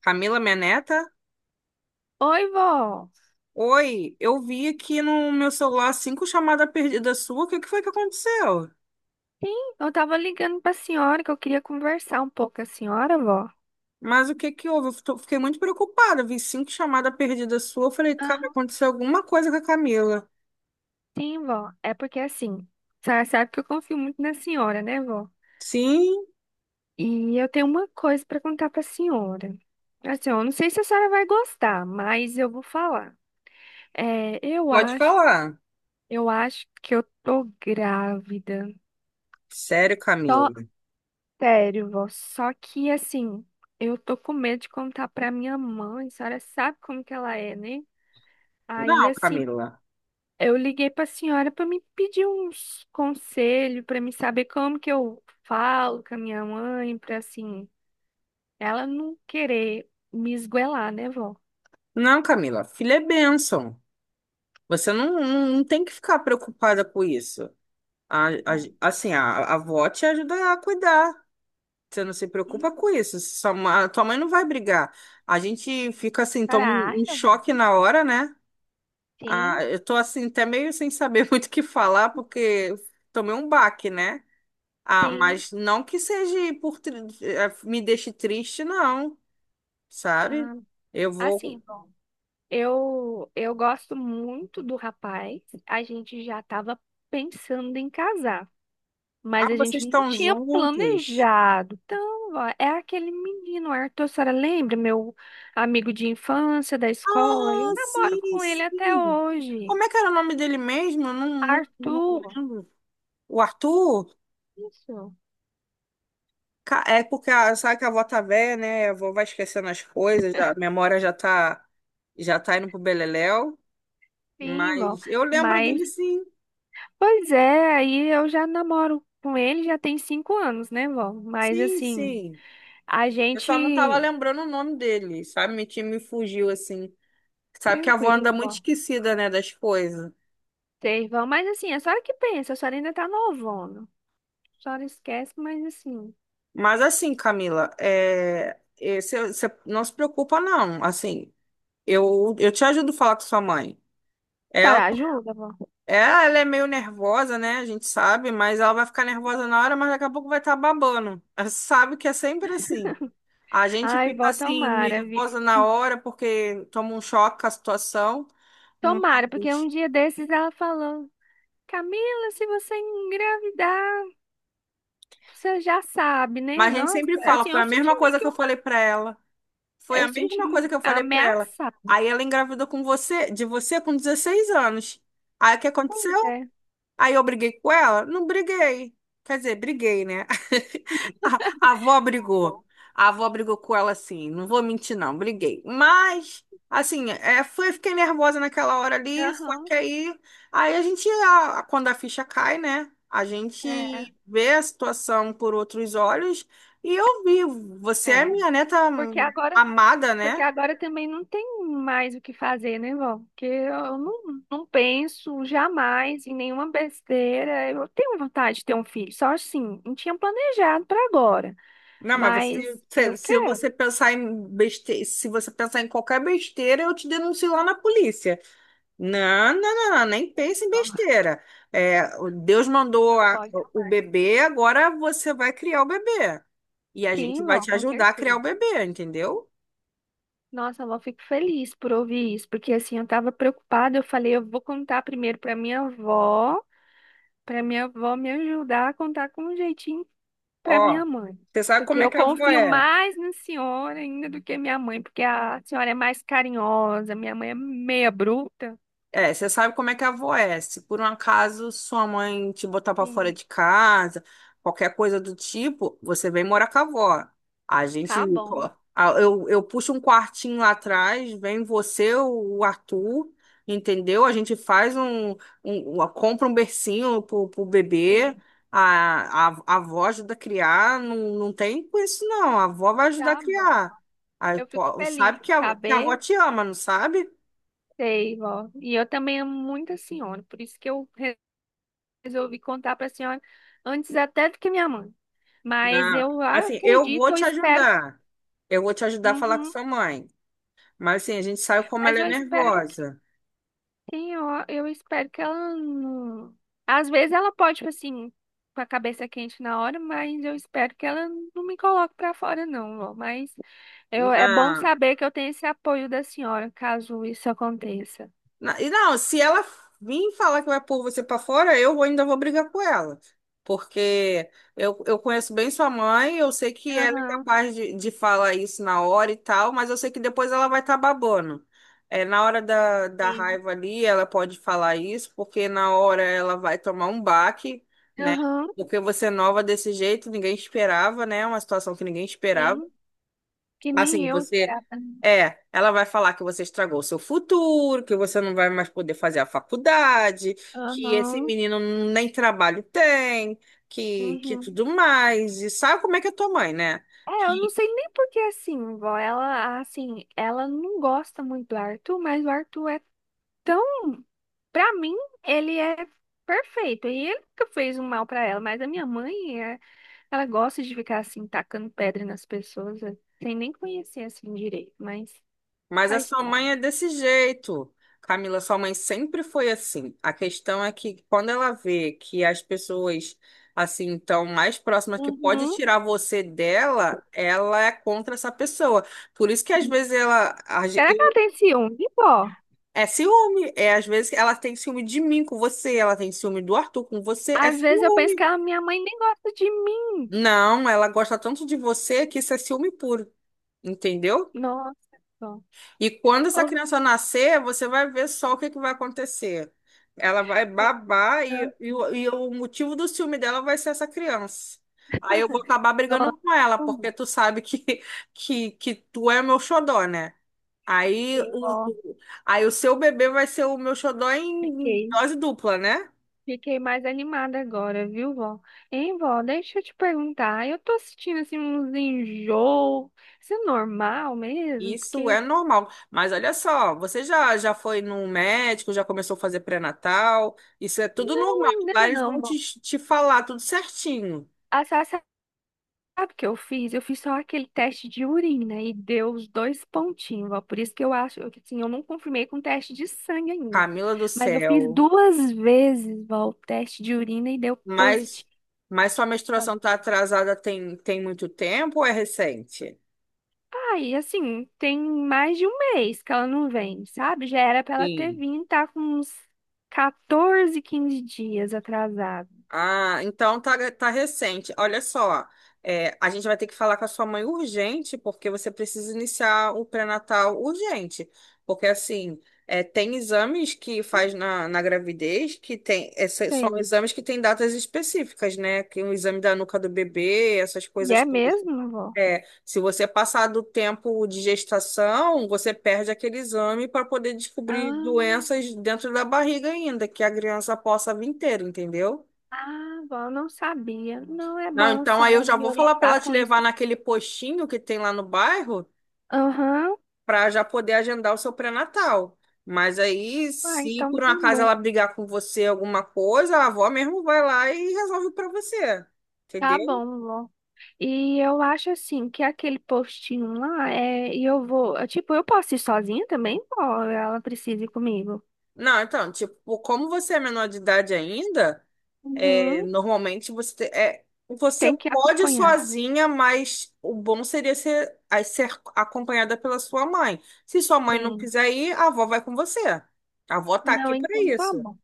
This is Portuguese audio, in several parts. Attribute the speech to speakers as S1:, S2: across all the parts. S1: Camila, minha neta?
S2: Oi, vó.
S1: Oi, eu vi aqui no meu celular cinco chamadas perdidas sua. O que que foi que aconteceu?
S2: Sim, eu tava ligando pra senhora que eu queria conversar um pouco com a senhora, vó.
S1: Mas o que que houve? Fiquei muito preocupada. Vi cinco chamadas perdidas sua. Eu falei, cara,
S2: Aham,
S1: aconteceu alguma coisa com a Camila.
S2: sim, vó. É porque assim, a senhora sabe que eu confio muito na senhora, né, vó?
S1: Sim,
S2: E eu tenho uma coisa pra contar pra senhora. Assim, eu não sei se a senhora vai gostar, mas eu vou falar. É, eu
S1: pode
S2: acho,
S1: falar.
S2: eu acho que eu tô grávida.
S1: Sério,
S2: Só,
S1: Camila?
S2: sério, vó. Só que assim, eu tô com medo de contar pra minha mãe. A senhora sabe como que ela é, né? Aí,
S1: Não,
S2: assim,
S1: Camila.
S2: eu liguei para a senhora para me pedir uns conselhos, para me saber como que eu falo com a minha mãe, para assim, ela não querer me esgoelar, né, vó?
S1: Não, Camila. Filha é bênção. Você não tem que ficar preocupada com isso. A-
S2: Ah,
S1: a- assim, a avó te ajuda a cuidar. Você não se preocupa
S2: sim.
S1: com isso. Tua mãe não vai brigar. A gente fica assim, toma um
S2: Caraca, mano.
S1: choque na hora, né? Ah,
S2: Sim,
S1: eu tô assim, até meio sem saber muito o que falar, porque tomei um baque, né? Ah,
S2: sim.
S1: mas não que seja por tri- eh, me deixe triste, não, sabe?
S2: Ah,
S1: Eu
S2: assim,
S1: vou.
S2: bom, eu gosto muito do rapaz, a gente já estava pensando em casar. Mas
S1: Ah,
S2: a gente
S1: vocês
S2: não
S1: estão
S2: tinha
S1: juntos.
S2: planejado. Então, ó, é aquele menino, Arthur, a senhora lembra? Meu amigo de infância, da escola. Eu
S1: Ah,
S2: namoro
S1: sim,
S2: com ele até
S1: sim.
S2: hoje.
S1: Como é que era o nome dele mesmo? Eu não
S2: Arthur.
S1: lembro. O Arthur?
S2: Isso.
S1: É porque sabe que a avó tá velha, né? A avó vai esquecendo as coisas, a memória já tá indo pro beleléu.
S2: Sim, bom.
S1: Mas eu lembro
S2: Mas,
S1: dele sim,
S2: pois é, aí eu já namoro com ele já tem 5 anos, né, vó? Mas,
S1: sim,
S2: assim,
S1: sim.
S2: a
S1: Eu só não tava
S2: gente...
S1: lembrando o nome dele, sabe? Me fugiu assim. Sabe que a avó anda
S2: Tranquilo,
S1: muito
S2: vó.
S1: esquecida, né, das coisas.
S2: Sei vão, mas assim, a senhora que pensa, a senhora ainda tá novona. A senhora esquece, mas assim...
S1: Mas assim, Camila, cê não se preocupa, não. Assim, eu te ajudo a falar com sua mãe.
S2: A senhora ajuda, vó?
S1: É, ela é meio nervosa, né? A gente sabe, mas ela vai ficar nervosa na hora, mas daqui a pouco vai estar babando. Ela sabe que é sempre assim. A gente
S2: Ai,
S1: fica
S2: vó,
S1: assim,
S2: tomara, viu?
S1: nervosa na hora, porque toma um choque com a situação,
S2: Tomara, porque
S1: mas,
S2: um dia desses ela falou, Camila, se você engravidar, você já sabe, né?
S1: mas a gente
S2: Nossa,
S1: sempre fala,
S2: assim,
S1: foi
S2: eu
S1: a mesma
S2: senti meio
S1: coisa
S2: que
S1: que eu falei
S2: uma...
S1: pra ela. Foi
S2: Eu
S1: a mesma coisa
S2: senti
S1: que eu falei pra ela.
S2: ameaçada.
S1: Aí ela engravidou com você, de você com 16 anos. Aí o que
S2: Pois
S1: aconteceu?
S2: é.
S1: Aí eu briguei com ela? Não briguei. Quer dizer, briguei, né? A a avó brigou. A avó brigou com ela assim. Não vou mentir, não. Briguei. Mas, assim, fiquei nervosa naquela hora ali. Só
S2: Aham,
S1: que aí, aí a gente, a- quando a ficha cai, né? A
S2: é,
S1: gente vê a situação por outros olhos. E eu vi. Você é
S2: é.
S1: minha neta
S2: Porque agora,
S1: amada,
S2: porque
S1: né?
S2: agora também não tem mais o que fazer, né, vó? Porque eu não penso jamais em nenhuma besteira. Eu tenho vontade de ter um filho, só assim, não tinha planejado para agora,
S1: Não, mas
S2: mas
S1: você, se,
S2: eu
S1: se
S2: quero.
S1: você pensar se você pensar em qualquer besteira, eu te denuncio lá na polícia. Não, nem pense em besteira. O Deus mandou
S2: Não,
S1: a-
S2: vó,
S1: o
S2: jamais.
S1: bebê, agora você vai criar o bebê. E a gente
S2: Sim,
S1: vai
S2: vó,
S1: te
S2: com
S1: ajudar a criar
S2: certeza.
S1: o bebê, entendeu?
S2: Nossa, vó, fico feliz por ouvir isso, porque assim, eu tava preocupada, eu falei, eu vou contar primeiro pra minha avó me ajudar a contar com um jeitinho pra
S1: Ó,
S2: minha mãe.
S1: você sabe
S2: Porque
S1: como é
S2: eu
S1: que a avó
S2: confio
S1: é?
S2: mais na senhora ainda do que minha mãe, porque a senhora é mais carinhosa, minha mãe é meia bruta.
S1: É, você sabe como é que a avó é. Se por um acaso sua mãe te botar pra fora
S2: Sim,
S1: de casa, qualquer coisa do tipo, você vem morar com a avó. A gente,
S2: tá bom, vó.
S1: a- eu puxo um quartinho lá atrás, vem você, o Arthur, entendeu? A gente faz um, um- uma- Compra um bercinho pro bebê,
S2: Sim,
S1: a avó ajuda a criar, não tem com isso não, a avó vai ajudar a
S2: tá bom.
S1: criar. Aí,
S2: Eu fico
S1: pô,
S2: feliz
S1: sabe
S2: em
S1: que a
S2: saber,
S1: avó te ama, não sabe?
S2: sei, vó. E eu também amo muito a senhora, por isso que eu resolvi contar para a senhora antes até do que minha mãe. Mas
S1: Ah,
S2: eu
S1: assim, eu
S2: acredito,
S1: vou
S2: eu
S1: te
S2: espero,
S1: ajudar. Eu vou te ajudar a falar com
S2: uhum,
S1: sua mãe. Mas assim, a gente sabe como
S2: mas
S1: ela é
S2: eu espero que
S1: nervosa.
S2: tenha, ó, eu espero que ela não. Às vezes ela pode, tipo assim, com a cabeça quente na hora, mas eu espero que ela não me coloque para fora, não, ó. Mas eu, é bom
S1: Não.
S2: saber que eu tenho esse apoio da senhora, caso isso aconteça.
S1: E não, se ela vir falar que vai pôr você pra fora, ainda vou brigar com ela. Porque eu conheço bem sua mãe, eu sei que ela é
S2: Aham,
S1: capaz de falar isso na hora e tal, mas eu sei que depois ela vai estar babando. É, na hora da
S2: sim.
S1: raiva ali, ela pode falar isso, porque na hora ela vai tomar um baque, né?
S2: Aham,
S1: Porque você é nova desse jeito, ninguém esperava, né? Uma situação que ninguém esperava.
S2: sim. Que nem
S1: Assim,
S2: eu
S1: você.
S2: esperava.
S1: É, ela vai falar que você estragou o seu futuro, que você não vai mais poder fazer a faculdade, que esse
S2: Aham,
S1: menino nem trabalho tem, que
S2: uhum.
S1: tudo mais. E sabe como é que é tua mãe, né?
S2: É, eu não
S1: Que,
S2: sei nem por que assim, vó. Ela, assim, ela não gosta muito do Arthur, mas o Arthur é tão. Pra mim, ele é perfeito. E ele nunca fez um mal pra ela, mas a minha mãe, é, ela gosta de ficar assim, tacando pedra nas pessoas, é, sem nem conhecer assim direito, mas
S1: mas a
S2: faz
S1: sua mãe é
S2: parte.
S1: desse jeito. Camila, sua mãe sempre foi assim. A questão é que quando ela vê que as pessoas assim estão mais próximas que pode
S2: Uhum.
S1: tirar você dela, ela é contra essa pessoa. Por isso que às vezes ela,
S2: Será que ela tem ciúme, vó?
S1: é ciúme. É, às vezes ela tem ciúme de mim com você, ela tem ciúme do Arthur com você. É
S2: Às vezes eu penso que
S1: ciúme.
S2: ela, minha mãe nem gosta de mim.
S1: Não, ela gosta tanto de você que isso é ciúme puro. Entendeu?
S2: Nossa, vó.
S1: E quando essa
S2: Ô,
S1: criança nascer, você vai ver só o que que vai acontecer. Ela vai babar e, e,
S2: nossa,
S1: o e o motivo do ciúme dela vai ser essa criança. Aí eu vou acabar
S2: nossa,
S1: brigando com ela, porque
S2: como?
S1: tu sabe que, que tu é meu xodó, né? Aí
S2: Sim,
S1: o,
S2: vó.
S1: Aí o seu bebê vai ser o meu xodó em
S2: Fiquei.
S1: dose dupla, né?
S2: Fiquei mais animada agora, viu, vó? Hein, vó, deixa eu te perguntar. Eu tô sentindo assim uns enjoo. Isso é normal mesmo?
S1: Isso é
S2: Porque
S1: normal. Mas olha só, você já foi num médico, já começou a fazer pré-natal? Isso é tudo
S2: não,
S1: normal.
S2: ainda
S1: Lá eles
S2: não,
S1: vão
S2: vó.
S1: te falar tudo certinho.
S2: A Sá sabe o que eu fiz? Eu fiz só aquele teste de urina e deu os dois pontinhos, vó. Por isso que eu acho, eu, assim, eu não confirmei com teste de sangue ainda.
S1: Camila do
S2: Mas eu fiz
S1: céu.
S2: duas vezes, vó, o teste de urina e deu
S1: Mas,
S2: positivo.
S1: mas sua menstruação tá atrasada tem muito tempo ou é recente?
S2: Aí, assim, tem mais de um mês que ela não vem, sabe? Já era pra ela ter
S1: Sim.
S2: vindo, tá com uns 14, 15 dias atrasado.
S1: Ah, então tá, é, tá recente. Olha só, é, a gente vai ter que falar com a sua mãe urgente, porque você precisa iniciar o pré-natal urgente. Porque, assim, é, tem exames que faz na gravidez que tem, são
S2: Sei.
S1: exames que têm datas específicas, né? Que o exame da nuca do bebê, essas
S2: E
S1: coisas
S2: é
S1: todas.
S2: mesmo, avó?
S1: É, se você passar do tempo de gestação, você perde aquele exame para poder descobrir
S2: Ah,
S1: doenças dentro da barriga ainda, que a criança possa vir ter, entendeu?
S2: ah, avó, eu não sabia. Não é
S1: Não,
S2: bom a
S1: então aí eu
S2: senhora
S1: já
S2: me
S1: vou falar para ela
S2: orientar
S1: te
S2: com isso.
S1: levar naquele postinho que tem lá no bairro
S2: Aham.
S1: para já poder agendar o seu pré-natal. Mas aí,
S2: Ah,
S1: se
S2: então
S1: por um
S2: tá
S1: acaso
S2: bom.
S1: ela brigar com você alguma coisa, a avó mesmo vai lá e resolve para você.
S2: Tá
S1: Entendeu?
S2: bom, vó. E eu acho assim que aquele postinho lá é. E eu vou. Tipo, eu posso ir sozinha também, vó? Ela precisa ir comigo.
S1: Não, então, tipo, como você é menor de idade ainda, é,
S2: Uhum.
S1: normalmente você
S2: Tem que
S1: pode ir
S2: acompanhar.
S1: sozinha, mas o bom seria ser, aí ser acompanhada pela sua mãe. Se sua mãe não
S2: Sim.
S1: quiser ir, a avó vai com você. A avó tá
S2: Não,
S1: aqui para
S2: então tá
S1: isso.
S2: bom.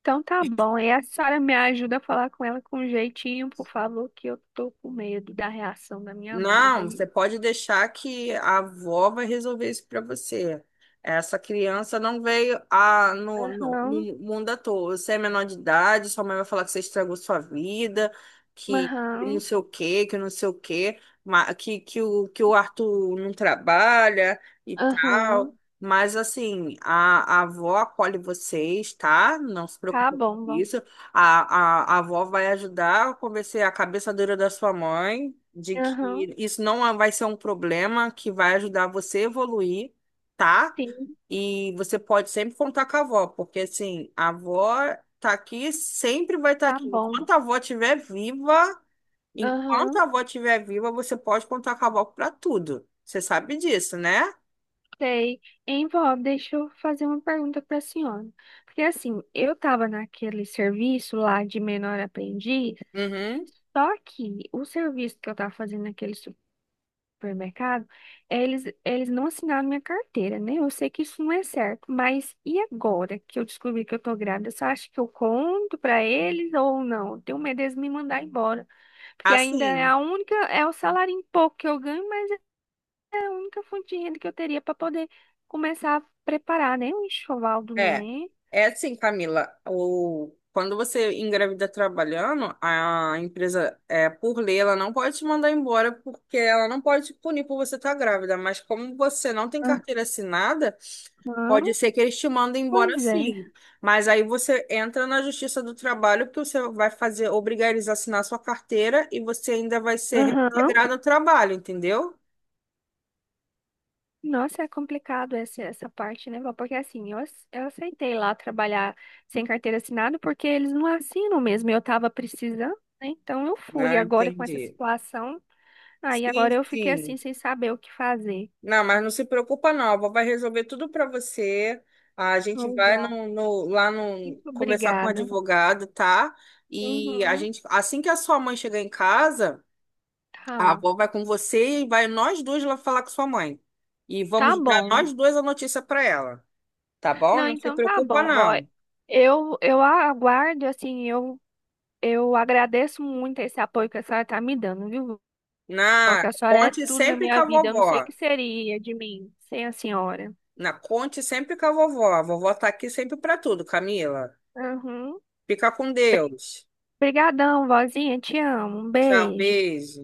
S2: Então tá bom. E a Sara me ajuda a falar com ela com jeitinho, por favor, que eu tô com medo da reação da minha mãe. Eu vou
S1: Não, você
S2: me.
S1: pode deixar que a avó vai resolver isso para você. Essa criança não veio a, no, no,
S2: Aham,
S1: no mundo à toa. Você é menor de idade, sua mãe vai falar que você estragou sua vida, que não
S2: aham,
S1: sei o quê, que não sei o quê, que o Arthur não trabalha e
S2: aham.
S1: tal. Mas, assim, a avó acolhe vocês, tá? Não se preocupe
S2: Tá
S1: com
S2: bom, vó.
S1: isso. A avó vai ajudar a convencer a cabeça dura da sua mãe de
S2: Aham,
S1: que isso não é, vai ser um problema, que vai ajudar você a evoluir, tá?
S2: sim,
S1: E você pode sempre contar com a avó, porque assim, a avó tá aqui, sempre vai estar
S2: tá
S1: aqui.
S2: bom.
S1: Enquanto a avó estiver viva, enquanto
S2: Aham,
S1: a avó estiver viva, você pode contar com a avó para tudo. Você sabe disso, né?
S2: sei. Hein, vó, deixa eu fazer uma pergunta pra senhora. Porque assim, eu tava naquele serviço lá de menor aprendiz,
S1: Uhum.
S2: só que o serviço que eu tava fazendo naquele supermercado, eles não assinaram minha carteira, né? Eu sei que isso não é certo, mas e agora que eu descobri que eu tô grávida, você acha que eu conto pra eles ou não? Eu tenho medo deles me mandar embora, porque ainda é
S1: Assim.
S2: a única, é o salário em pouco que eu ganho, mas é a única fonte de renda que eu teria para poder começar a preparar, né? O enxoval do
S1: É,
S2: neném.
S1: é assim, Camila, o, quando você engravida trabalhando, a empresa, é, por lei, ela não pode te mandar embora porque ela não pode te punir por você estar grávida, mas como você não tem carteira assinada, pode
S2: Aham,
S1: ser que eles te mandem
S2: pois
S1: embora
S2: é.
S1: sim. Mas aí você entra na Justiça do Trabalho porque você vai fazer, obrigar eles a assinar sua carteira e você ainda vai ser
S2: Aham.
S1: reintegrado ao trabalho, entendeu?
S2: Nossa, é complicado essa parte, né, Val? Porque assim, eu aceitei lá trabalhar sem carteira assinada porque eles não assinam mesmo. Eu tava precisando, né? Então eu fui.
S1: Ah,
S2: Agora com essa
S1: entendi.
S2: situação, aí agora
S1: Sim,
S2: eu fiquei assim,
S1: sim.
S2: sem saber o que fazer.
S1: Não, mas não se preocupa não, a vovó vai resolver tudo para você. A gente
S2: Ô,
S1: vai
S2: Val,
S1: no, no- Lá no,
S2: muito
S1: conversar com o
S2: obrigada.
S1: advogado, tá? E a
S2: Uhum,
S1: gente, assim que a sua mãe chegar em casa, a
S2: tá,
S1: avó vai com você e vai nós dois lá falar com sua mãe. E
S2: tá
S1: vamos dar
S2: bom.
S1: nós dois a notícia para ela, tá bom?
S2: Não,
S1: Não se
S2: então tá
S1: preocupa
S2: bom, vó.
S1: não.
S2: Eu aguardo, assim, eu agradeço muito esse apoio que a senhora tá me dando, viu?
S1: Na,
S2: Porque a senhora é
S1: conte
S2: tudo na
S1: sempre com
S2: minha
S1: a
S2: vida. Eu não sei o
S1: vovó.
S2: que seria de mim sem a senhora.
S1: Na, conte sempre com a vovó. A vovó tá aqui sempre para tudo, Camila.
S2: Uhum.
S1: Fica com Deus.
S2: Obrigadão, vozinha. Te amo. Um
S1: Tchau,
S2: beijo.
S1: beijo.